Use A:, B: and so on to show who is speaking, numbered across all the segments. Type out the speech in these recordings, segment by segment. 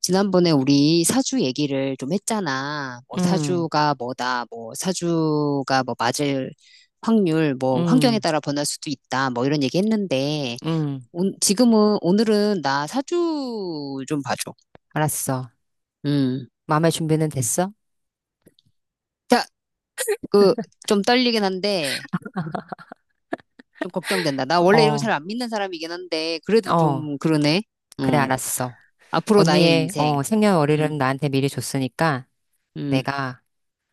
A: 지난번에 우리 사주 얘기를 좀 했잖아. 뭐
B: 응,
A: 사주가 뭐다, 뭐 사주가 뭐 맞을 확률, 뭐 환경에
B: 응,
A: 따라 변할 수도 있다, 뭐 이런 얘기 했는데,
B: 응.
A: 지금은, 오늘은 나 사주 좀 봐줘.
B: 알았어.
A: 음.
B: 마음의 준비는 됐어?
A: 자, 그, 좀 떨리긴 한데, 좀 걱정된다. 나 원래 이런 거 잘
B: 어,
A: 안 믿는 사람이긴 한데, 그래도
B: 어.
A: 좀 그러네.
B: 그래,
A: 음.
B: 알았어.
A: 앞으로 나의
B: 언니의
A: 인생. 음,
B: 생년월일은 나한테 미리 줬으니까
A: 음,
B: 내가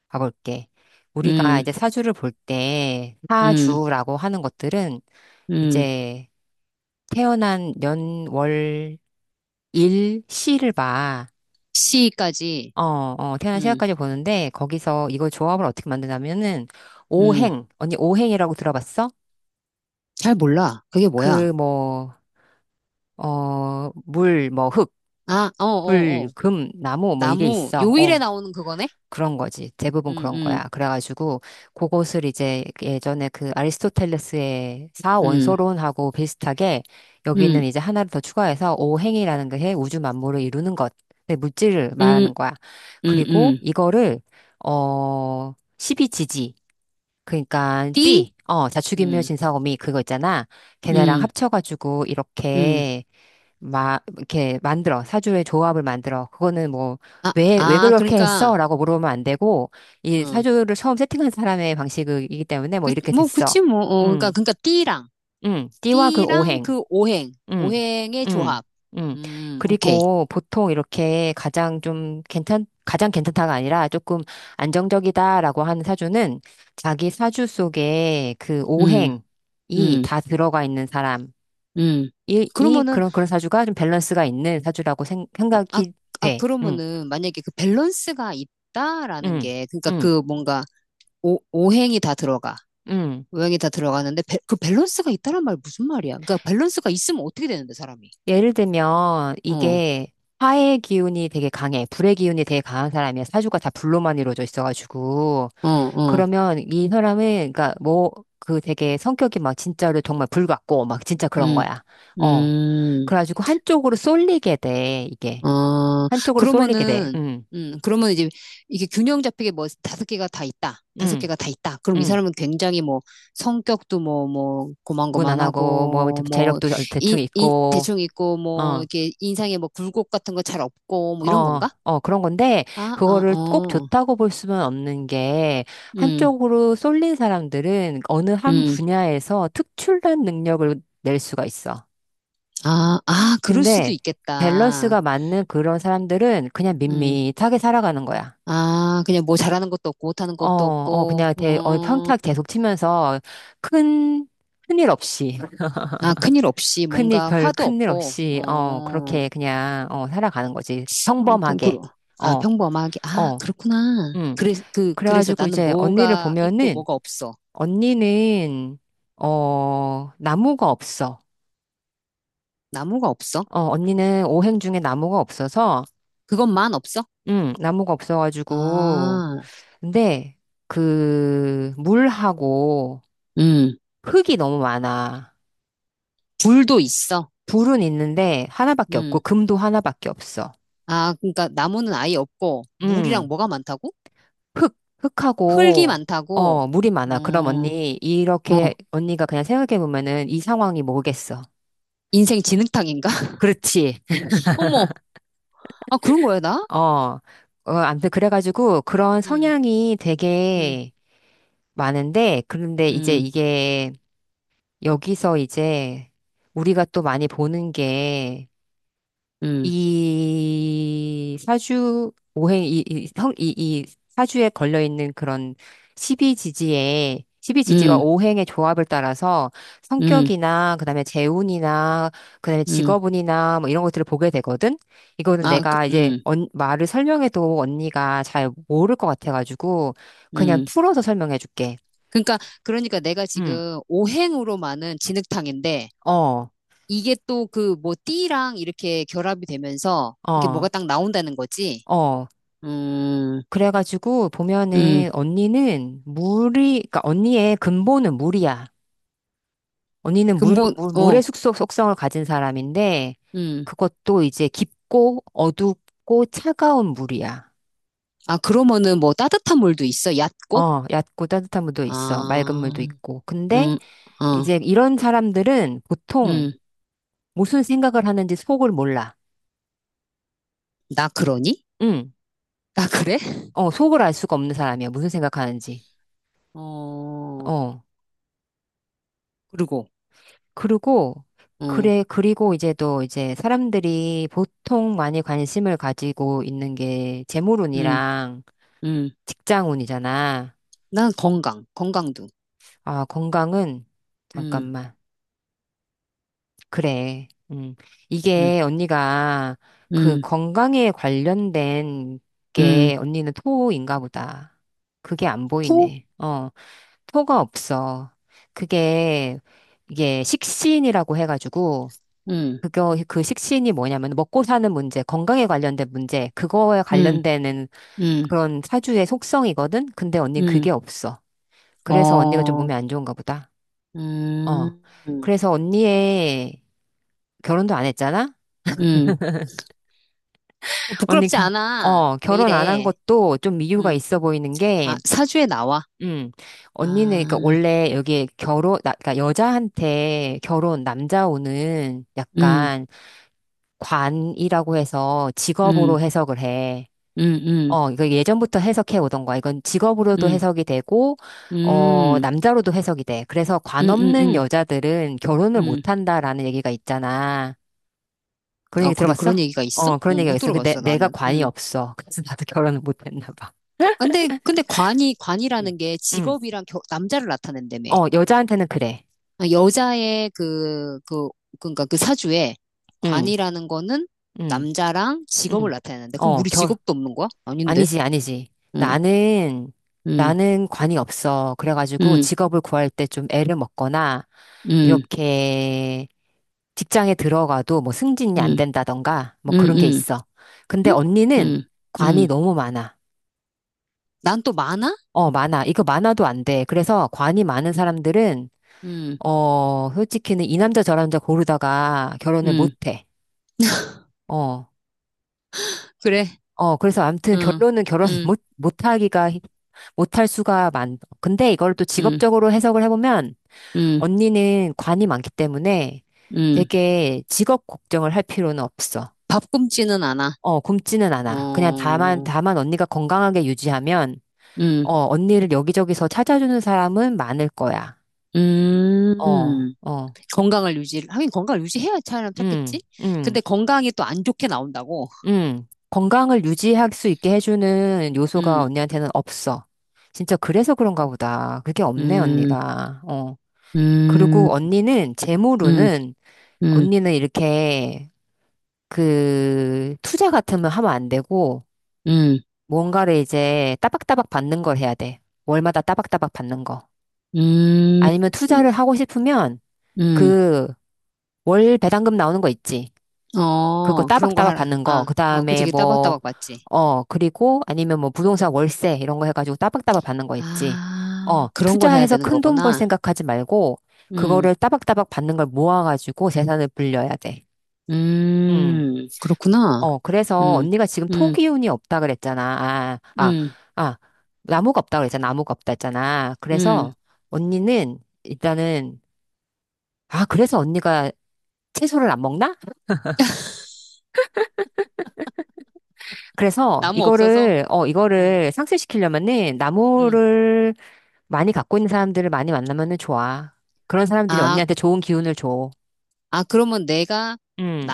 B: 가볼게. 우리가
A: 음,
B: 이제 사주를 볼 때,
A: 음,
B: 사주라고 하는 것들은
A: 음.
B: 이제 태어난 년, 월, 일, 시를 봐.
A: 시까지.
B: 태어난
A: 음,
B: 시간까지 보는데, 거기서 이거 조합을 어떻게 만드냐면은,
A: 음.
B: 오행. 언니 오행이라고 들어봤어?
A: 잘 몰라. 그게 뭐야?
B: 그 뭐, 물, 뭐, 흙,
A: 아, 어, 어,
B: 불,
A: 어.
B: 금, 나무, 뭐, 이게
A: 나무,
B: 있어.
A: 요일에 나오는 그거네?
B: 그런 거지. 대부분
A: 음,
B: 그런
A: 음,
B: 거야. 그래가지고, 그것을 이제 예전에 그 아리스토텔레스의
A: 음,
B: 사원소론하고 비슷하게,
A: 음,
B: 여기는 이제 하나를 더 추가해서 오행이라는 게 우주 만물을 이루는 것, 내 물질을
A: 음,
B: 말하는 거야.
A: 음,
B: 그리고
A: 음.
B: 이거를, 십이지지. 그러니까
A: 띠?
B: 띠, 자축인묘
A: 음,
B: 진사오미 그거 있잖아. 걔네랑
A: 음,
B: 합쳐가지고
A: 음.
B: 이렇게 막 이렇게 만들어 사주의 조합을 만들어. 그거는 뭐
A: 아,
B: 왜
A: 아,
B: 그렇게
A: 그러니까,
B: 했어라고 물어보면 안 되고, 이
A: 어.
B: 사주를 처음 세팅한 사람의 방식이기 때문에 뭐
A: 그,
B: 이렇게
A: 뭐,
B: 됐어.
A: 그치, 뭐, 어. 그러니까,
B: 음
A: 그러니까, 띠랑,
B: 띠와 그
A: 띠랑
B: 오행.
A: 그 오행,
B: 음
A: 오행의
B: 음
A: 조합.
B: 음
A: 오케이.
B: 그리고 보통 이렇게 가장 괜찮다가 아니라 조금 안정적이다라고 하는 사주는 자기 사주 속에 그
A: 음,
B: 오행이
A: 음,
B: 다 들어가 있는 사람.
A: 음.
B: 이, 이
A: 그러면은,
B: 그런 사주가 좀 밸런스가 있는 사주라고 생,
A: 아, 아,
B: 생각이
A: 아,
B: 돼. 응,
A: 그러면은, 만약에 그 밸런스가 있다라는
B: 응,
A: 게, 그러니까
B: 응,
A: 그 뭔가, 오행이 다 들어가.
B: 응.
A: 모양이 다 들어가는데 그 밸런스가 있다란 말 무슨 말이야? 그러니까 밸런스가 있으면 어떻게 되는데 사람이?
B: 예를 들면
A: 어,
B: 이게 화의 기운이 되게 강해, 불의 기운이 되게 강한 사람이야. 사주가 다 불로만 이루어져 있어가지고
A: 어, 어,
B: 그러면 이 사람은 그러니까 뭐 그 되게 성격이 막 진짜로 정말 불 같고 막 진짜 그런
A: 음,
B: 거야. 어,
A: 음,
B: 그래가지고 한쪽으로 쏠리게 돼 이게,
A: 어,
B: 한쪽으로 쏠리게 돼.
A: 그러면은,
B: 응,
A: 그러면 이제 이게 균형 잡히게 뭐 다섯 개가 다 있다, 다섯
B: 응,
A: 개가 다 있다. 그럼 이
B: 응.
A: 사람은 굉장히 뭐 성격도 뭐 뭐
B: 무난하고 뭐
A: 고만고만하고
B: 재력도 대충
A: 뭐이 이,
B: 있고.
A: 대충 있고 뭐
B: 어.
A: 이렇게 인상에 뭐 굴곡 같은 거 잘 없고 뭐 이런 건가?
B: 그런 건데,
A: 아, 아,
B: 그거를 꼭
A: 어,
B: 좋다고 볼 수는 없는 게,
A: 음,
B: 한쪽으로 쏠린 사람들은 어느 한
A: 음.
B: 분야에서 특출난 능력을 낼 수가 있어.
A: 아, 아, 그럴 수도
B: 근데,
A: 있겠다.
B: 밸런스가 맞는 그런 사람들은 그냥
A: 음.
B: 밋밋하게 살아가는 거야.
A: 아, 그냥 뭐 잘하는 것도 없고, 못하는 것도 없고,
B: 그냥
A: 어,
B: 평탁 계속 치면서 큰, 큰일 없이,
A: 아, 큰일 없이 뭔가
B: 별
A: 화도
B: 큰일
A: 없고,
B: 없이,
A: 어,
B: 그렇게 그냥, 살아가는 거지.
A: 어, 그, 그,
B: 평범하게.
A: 아,
B: 어,
A: 평범하게, 아,
B: 어.
A: 그렇구나.
B: 음.
A: 그래, 그, 그래서
B: 그래가지고
A: 나는
B: 이제 언니를
A: 뭐가 있고
B: 보면은
A: 뭐가 없어.
B: 언니는 나무가 없어.
A: 나무가 없어.
B: 언니는 오행 중에 나무가 없어서
A: 그것만 없어.
B: 나무가 없어가지고,
A: 아,
B: 근데 그 물하고
A: 음,
B: 흙이 너무 많아.
A: 불도 있어.
B: 불은 있는데 하나밖에 없고
A: 음,
B: 금도 하나밖에 없어.
A: 아, 그러니까 나무는 아예 없고, 물이랑
B: 음
A: 뭐가 많다고? 흙이
B: 흙하고
A: 많다고,
B: 물이 많아. 그럼
A: 어,
B: 언니, 이렇게
A: 어,
B: 언니가 그냥 생각해 보면은 이 상황이 뭐겠어?
A: 인생 진흙탕인가?
B: 그렇지.
A: 어머, 아, 그런 거야, 나?
B: 어, 어. 아무튼 그래가지고 그런
A: 음.
B: 성향이
A: 음,
B: 되게 많은데, 그런데 이제
A: 음,
B: 이게 여기서 이제 우리가 또 많이 보는 게
A: 음,
B: 이 사주 오행 이, 이, 성- 이, 이 사주에 걸려 있는 그런 십이지지의 십이지지와
A: 음,
B: 오행의 조합을 따라서
A: 음,
B: 성격이나 그다음에 재운이나 그다음에
A: 음.
B: 직업운이나 뭐 이런 것들을 보게 되거든. 이거는
A: 아, 그,
B: 내가 이제 말을 설명해도 언니가 잘 모를 것 같아가지고 그냥
A: 음.
B: 풀어서 설명해 줄게.
A: 그러니까, 그러니까 내가
B: 응.
A: 지금 오행으로만은 진흙탕인데,
B: 어.
A: 이게 또 그 뭐 띠랑 이렇게 결합이 되면서, 이게 뭐가
B: 어.
A: 딱 나온다는 거지?
B: 어.
A: 음,
B: 그래가지고
A: 음.
B: 보면은 언니는 물이, 그러니까 언니의 근본은 물이야. 언니는
A: 그 뭐, 어,
B: 물의 숙소 속성을 가진 사람인데
A: 음.
B: 그것도 이제 깊고 어둡고 차가운 물이야.
A: 아, 그러면은 뭐 따뜻한 물도 있어? 얕고?
B: 어, 얕고 따뜻한 물도 있어. 맑은
A: 아,
B: 물도 있고. 근데
A: 음, 어,
B: 이제 이런 사람들은 보통
A: 음.
B: 무슨 생각을 하는지 속을 몰라.
A: 나 그러니?
B: 응.
A: 나 그래?
B: 어, 속을 알 수가 없는 사람이야. 무슨 생각하는지.
A: 어,
B: 어.
A: 그리고,
B: 그리고,
A: 어,
B: 그래, 그리고 이제 또 이제 사람들이 보통 많이 관심을 가지고 있는 게
A: 음,
B: 재물운이랑
A: 음.
B: 직장운이잖아.
A: 난 건강, 건강도.
B: 아, 건강은,
A: 음,
B: 잠깐만. 그래. 음.
A: 음,
B: 이게 언니가 그
A: 음,
B: 건강에 관련된
A: 음.
B: 게 언니는 토인가 보다. 그게 안
A: 또?
B: 보이네. 토가 없어. 그게, 이게 식신이라고 해가지고,
A: 음,
B: 그거, 그 식신이 뭐냐면 먹고 사는 문제, 건강에 관련된 문제, 그거에
A: 음,
B: 관련되는
A: 음,
B: 그런 사주의 속성이거든? 근데 언니
A: 음.
B: 그게 없어. 그래서 언니가 좀
A: 어,
B: 몸이 안 좋은가 보다. 어.
A: 음,
B: 그래서 언니의 결혼도 안 했잖아?
A: 음. 어,
B: 언니,
A: 부끄럽지 않아. 왜
B: 결혼 안 한
A: 이래?
B: 것도 좀 이유가
A: 음.
B: 있어 보이는
A: 아,
B: 게,
A: 사주에 나와.
B: 음, 언니는,
A: 아,
B: 그니까 원래 여기 결혼, 나, 그니까 여자한테 결혼, 남자 오는
A: 음,
B: 약간 관이라고 해서
A: 음,
B: 직업으로 해석을 해.
A: 음, 음,
B: 어, 이거 예전부터 해석해 오던 거야. 이건 직업으로도
A: 음,
B: 해석이 되고, 어,
A: 음,
B: 남자로도 해석이 돼. 그래서
A: 음,
B: 관
A: 음,
B: 없는
A: 음.
B: 여자들은 결혼을
A: 음.
B: 못 한다라는 얘기가 있잖아. 그런
A: 아,
B: 얘기
A: 그래,
B: 들어봤어?
A: 그런 얘기가 있어?
B: 어,
A: 어,
B: 그런 얘기가
A: 못
B: 있어. 근데
A: 들어봤어,
B: 내가
A: 나는.
B: 관이
A: 음.
B: 없어. 그래서 나도 결혼을 못 했나 봐.
A: 근데, 근데 관이,
B: 응.
A: 관이라는 게
B: 응.
A: 직업이랑 남자를 나타낸다며.
B: 어, 여자한테는 그래.
A: 아, 여자의 그, 그, 그러니까 그 사주에
B: 응.
A: 관이라는 거는
B: 응.
A: 남자랑 직업을
B: 응.
A: 나타내는데 그럼
B: 어,
A: 우리
B: 결
A: 직업도 없는 거야? 아닌데.
B: 아니지, 아니지.
A: 응,
B: 나는,
A: 응,
B: 나는 관이 없어. 그래가지고
A: 응,
B: 직업을 구할 때 좀 애를 먹거나,
A: 응,
B: 이렇게 직장에 들어가도 뭐 승진이 안
A: 응,
B: 된다던가, 뭐
A: 응,
B: 그런 게
A: 응,
B: 있어. 근데
A: 응,
B: 언니는
A: 응,
B: 관이
A: 응.
B: 너무 많아.
A: 난 또 많아?
B: 어, 많아. 이거 많아도 안 돼. 그래서 관이 많은
A: 응,
B: 사람들은,
A: 응,
B: 어, 솔직히는 이 남자 저 남자 고르다가 결혼을
A: 응.
B: 못 해. 어.
A: 그래.
B: 어, 그래서 아무튼
A: 응,
B: 결론은 결혼
A: 응,
B: 못, 못하기가, 힘- 못할 수가 많, 근데 이걸 또
A: 응,
B: 직업적으로 해석을 해보면
A: 응,
B: 언니는 관이 많기 때문에
A: 응.
B: 되게 직업 걱정을 할 필요는 없어.
A: 밥 굶지는 않아.
B: 어, 굶지는 않아. 그냥 다만,
A: 어,
B: 다만 언니가 건강하게 유지하면,
A: 응,
B: 어, 언니를 여기저기서 찾아주는 사람은 많을 거야. 어,
A: 음.
B: 어,
A: 건강을 유지, 하긴 건강을 유지해야 사람
B: 음,
A: 찾겠지? 근데
B: 음.
A: 건강이 또 안 좋게 나온다고.
B: 건강을 유지할 수 있게 해주는 요소가
A: 음,
B: 언니한테는 없어. 진짜 그래서 그런가 보다. 그게 없네,
A: 음,
B: 언니가. 어. 그리고
A: 음,
B: 언니는, 제
A: 음,
B: 모로는,
A: 음,
B: 언니는 이렇게, 그, 투자 같으면 하면 안 되고,
A: 음,
B: 뭔가를 이제 따박따박 받는 걸 해야 돼. 월마다 따박따박 받는 거.
A: 음,
B: 아니면 투자를 하고 싶으면,
A: 음.
B: 그, 월 배당금 나오는 거 있지. 그거
A: 어, 그런 거
B: 따박따박
A: 하라.
B: 받는 거.
A: 아,
B: 그
A: 어, 그치,
B: 다음에
A: 그
B: 뭐,
A: 따박따박 맞지.
B: 어, 그리고 아니면 뭐 부동산 월세 이런 거 해가지고 따박따박 받는 거 있지.
A: 아,
B: 어,
A: 그런 걸 해야
B: 투자해서
A: 되는
B: 큰 돈 벌
A: 거구나.
B: 생각하지 말고
A: 음,
B: 그거를 따박따박 받는 걸 모아가지고 재산을 불려야 돼. 음.
A: 그렇구나.
B: 어, 그래서
A: 음,
B: 언니가 지금
A: 음,
B: 토기운이 없다 그랬잖아.
A: 음,
B: 아, 나무가 없다 그랬잖아. 나무가 없다 했잖아.
A: 음.
B: 그래서 언니는 일단은, 아, 그래서 언니가 채소를 안 먹나? 그래서
A: 나무 없어서?
B: 이거를, 어,
A: 음,
B: 이거를 상쇄시키려면은
A: 음.
B: 나무를 많이 갖고 있는 사람들을 많이 만나면은 좋아. 그런 사람들이
A: 아,
B: 언니한테 좋은 기운을 줘.
A: 아, 그러면 내가
B: 음,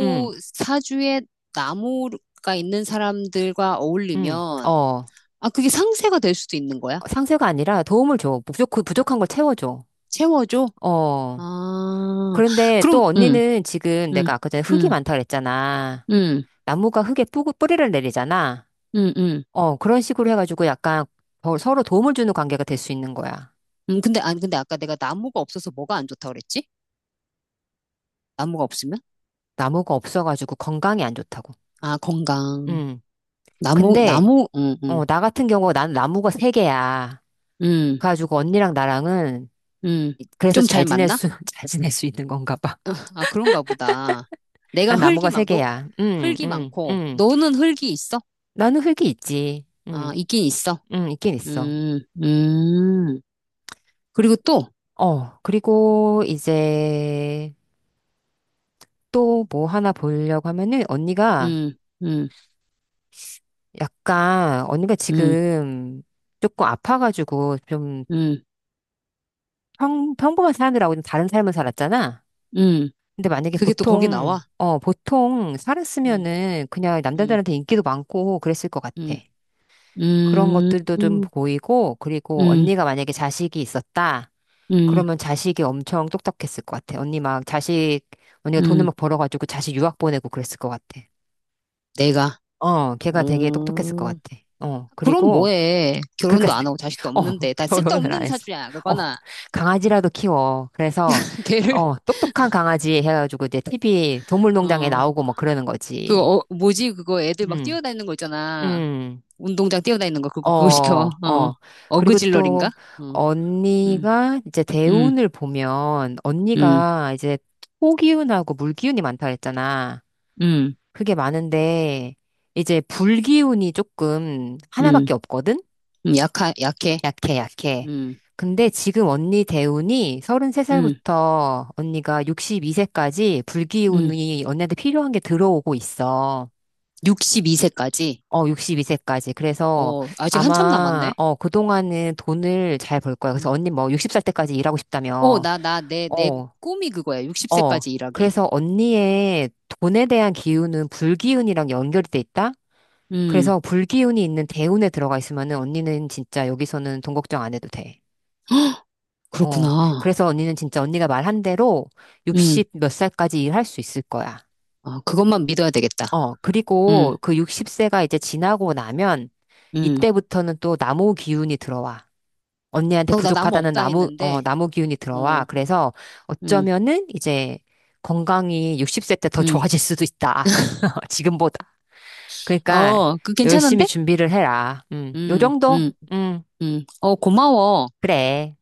B: 음,
A: 사주에 나무가 있는 사람들과 어울리면,
B: 어.
A: 아, 그게 상쇄가 될 수도 있는 거야?
B: 상쇄가 아니라 도움을 줘. 부족한 걸 채워줘.
A: 채워줘?
B: 어.
A: 아,
B: 그런데
A: 그럼,
B: 또
A: 응,
B: 언니는 지금
A: 응,
B: 내가 아까 전에 흙이
A: 응,
B: 많다 그랬잖아.
A: 응,
B: 나무가 흙에 뿌리를 내리잖아.
A: 응, 응.
B: 어, 그런 식으로 해가지고 약간 더 서로 도움을 주는 관계가 될 수 있는 거야.
A: 근데, 아니, 근데 아까 내가 나무가 없어서 뭐가 안 좋다고 그랬지? 나무가 없으면?
B: 나무가 없어가지고 건강이 안 좋다고.
A: 아, 건강.
B: 음.
A: 나무,
B: 근데
A: 나무, 응, 응,
B: 어, 나 같은 경우 난 나무가 세 개야.
A: 응,
B: 그래가지고 언니랑 나랑은
A: 응.
B: 그래서
A: 좀 잘
B: 잘 지낼
A: 맞나?
B: 수, 잘 지낼 수 있는 건가 봐.
A: 아, 그런가 보다. 내가
B: 난
A: 흙이
B: 나무가 세
A: 막, 너,
B: 개야. 응.
A: 흙이
B: 응.
A: 많고,
B: 응.
A: 너는 흙이 있어?
B: 나는 흙이 있지.
A: 아,
B: 응.
A: 있긴 있어.
B: 응, 있긴 있어.
A: 음, 음. 그리고 또,
B: 어, 그리고 이제 또 뭐 하나 보려고 하면은 언니가
A: 음, 음,
B: 약간 언니가
A: 음,
B: 지금 조금 아파가지고 좀
A: 음,
B: 평범한 사람들하고 좀 다른 삶을 살았잖아.
A: 음.
B: 근데 만약에
A: 그게 또 거기
B: 보통,
A: 나와?
B: 어, 보통
A: 음,
B: 살았으면은 그냥
A: 음,
B: 남자들한테 인기도 많고 그랬을 것 같아.
A: 음.
B: 그런 것들도 좀
A: 음,
B: 보이고, 그리고
A: 음,
B: 언니가 만약에 자식이 있었다.
A: 음,
B: 그러면 자식이 엄청 똑똑했을 것 같아. 언니 막 자식, 언니가 돈을
A: 음,
B: 막 벌어가지고 자식 유학 보내고 그랬을 것 같아.
A: 내가.
B: 어, 걔가 되게 똑똑했을 것
A: 음,
B: 같아. 어,
A: 그럼
B: 그리고
A: 뭐해.
B: 그러니까
A: 결혼도 안 하고 자식도
B: 어,
A: 없는데. 다
B: 결혼을 안
A: 쓸데없는
B: 했어.
A: 사주야,
B: 어,
A: 그거나.
B: 강아지라도 키워. 그래서
A: 걔를,
B: 어, 똑똑한 강아지 해가지고 이제 TV 동물농장에
A: 어,
B: 나오고 뭐 그러는
A: 그,
B: 거지.
A: 어, 뭐지, 그거 애들 막
B: 음,
A: 뛰어다니는 거 있잖아.
B: 음,
A: 운동장 뛰어다니는 거, 그거,
B: 어,
A: 그거 시켜.
B: 어.
A: 어,
B: 그리고
A: 어그질러린가?
B: 또
A: 어, 음,
B: 언니가 이제
A: 음,
B: 대운을 보면
A: 음,
B: 언니가 이제 토기운하고 물기운이 많다 그랬잖아.
A: 음,
B: 그게 많은데 이제 불기운이 조금
A: 음,
B: 하나밖에 없거든.
A: 약해.
B: 약해, 약해.
A: 음,
B: 근데 지금 언니 대운이
A: 음,
B: 33살부터 언니가 62세까지
A: 음,
B: 불기운이 언니한테 필요한 게 들어오고 있어.
A: 62세까지.
B: 어, 62세까지. 그래서
A: 어, 아직 한참
B: 아마,
A: 남았네.
B: 어, 그동안은 돈을 잘 벌 거야.
A: 음.
B: 그래서 언니 뭐 60살 때까지 일하고
A: 어,
B: 싶다며.
A: 내
B: 어,
A: 꿈이 그거야.
B: 어.
A: 60세까지 일하기.
B: 그래서 언니의 돈에 대한 기운은 불기운이랑 연결이 돼 있다?
A: 음,
B: 그래서 불기운이 있는 대운에 들어가 있으면은 언니는 진짜 여기서는 돈 걱정 안 해도 돼.
A: 헉,
B: 어,
A: 그렇구나.
B: 그래서 언니는 진짜 언니가 말한 대로
A: 음,
B: 60 몇 살까지 일할 수 있을 거야.
A: 아, 그것만 믿어야 되겠다.
B: 어,
A: 음,
B: 그리고 그 60세가 이제 지나고 나면
A: 음.
B: 이때부터는 또 나무 기운이 들어와. 언니한테
A: 어, 나 나무
B: 부족하다는
A: 없다
B: 나무, 어,
A: 했는데,
B: 나무 기운이 들어와.
A: 어,
B: 그래서
A: 음,
B: 어쩌면은 이제 건강이 60세 때 더
A: 음.
B: 좋아질 수도 있다. 지금보다. 그러니까
A: 어, 그
B: 열심히
A: 괜찮은데?
B: 준비를 해라. 요
A: 음,
B: 정도?
A: 음, 어, 고마워.
B: 그래.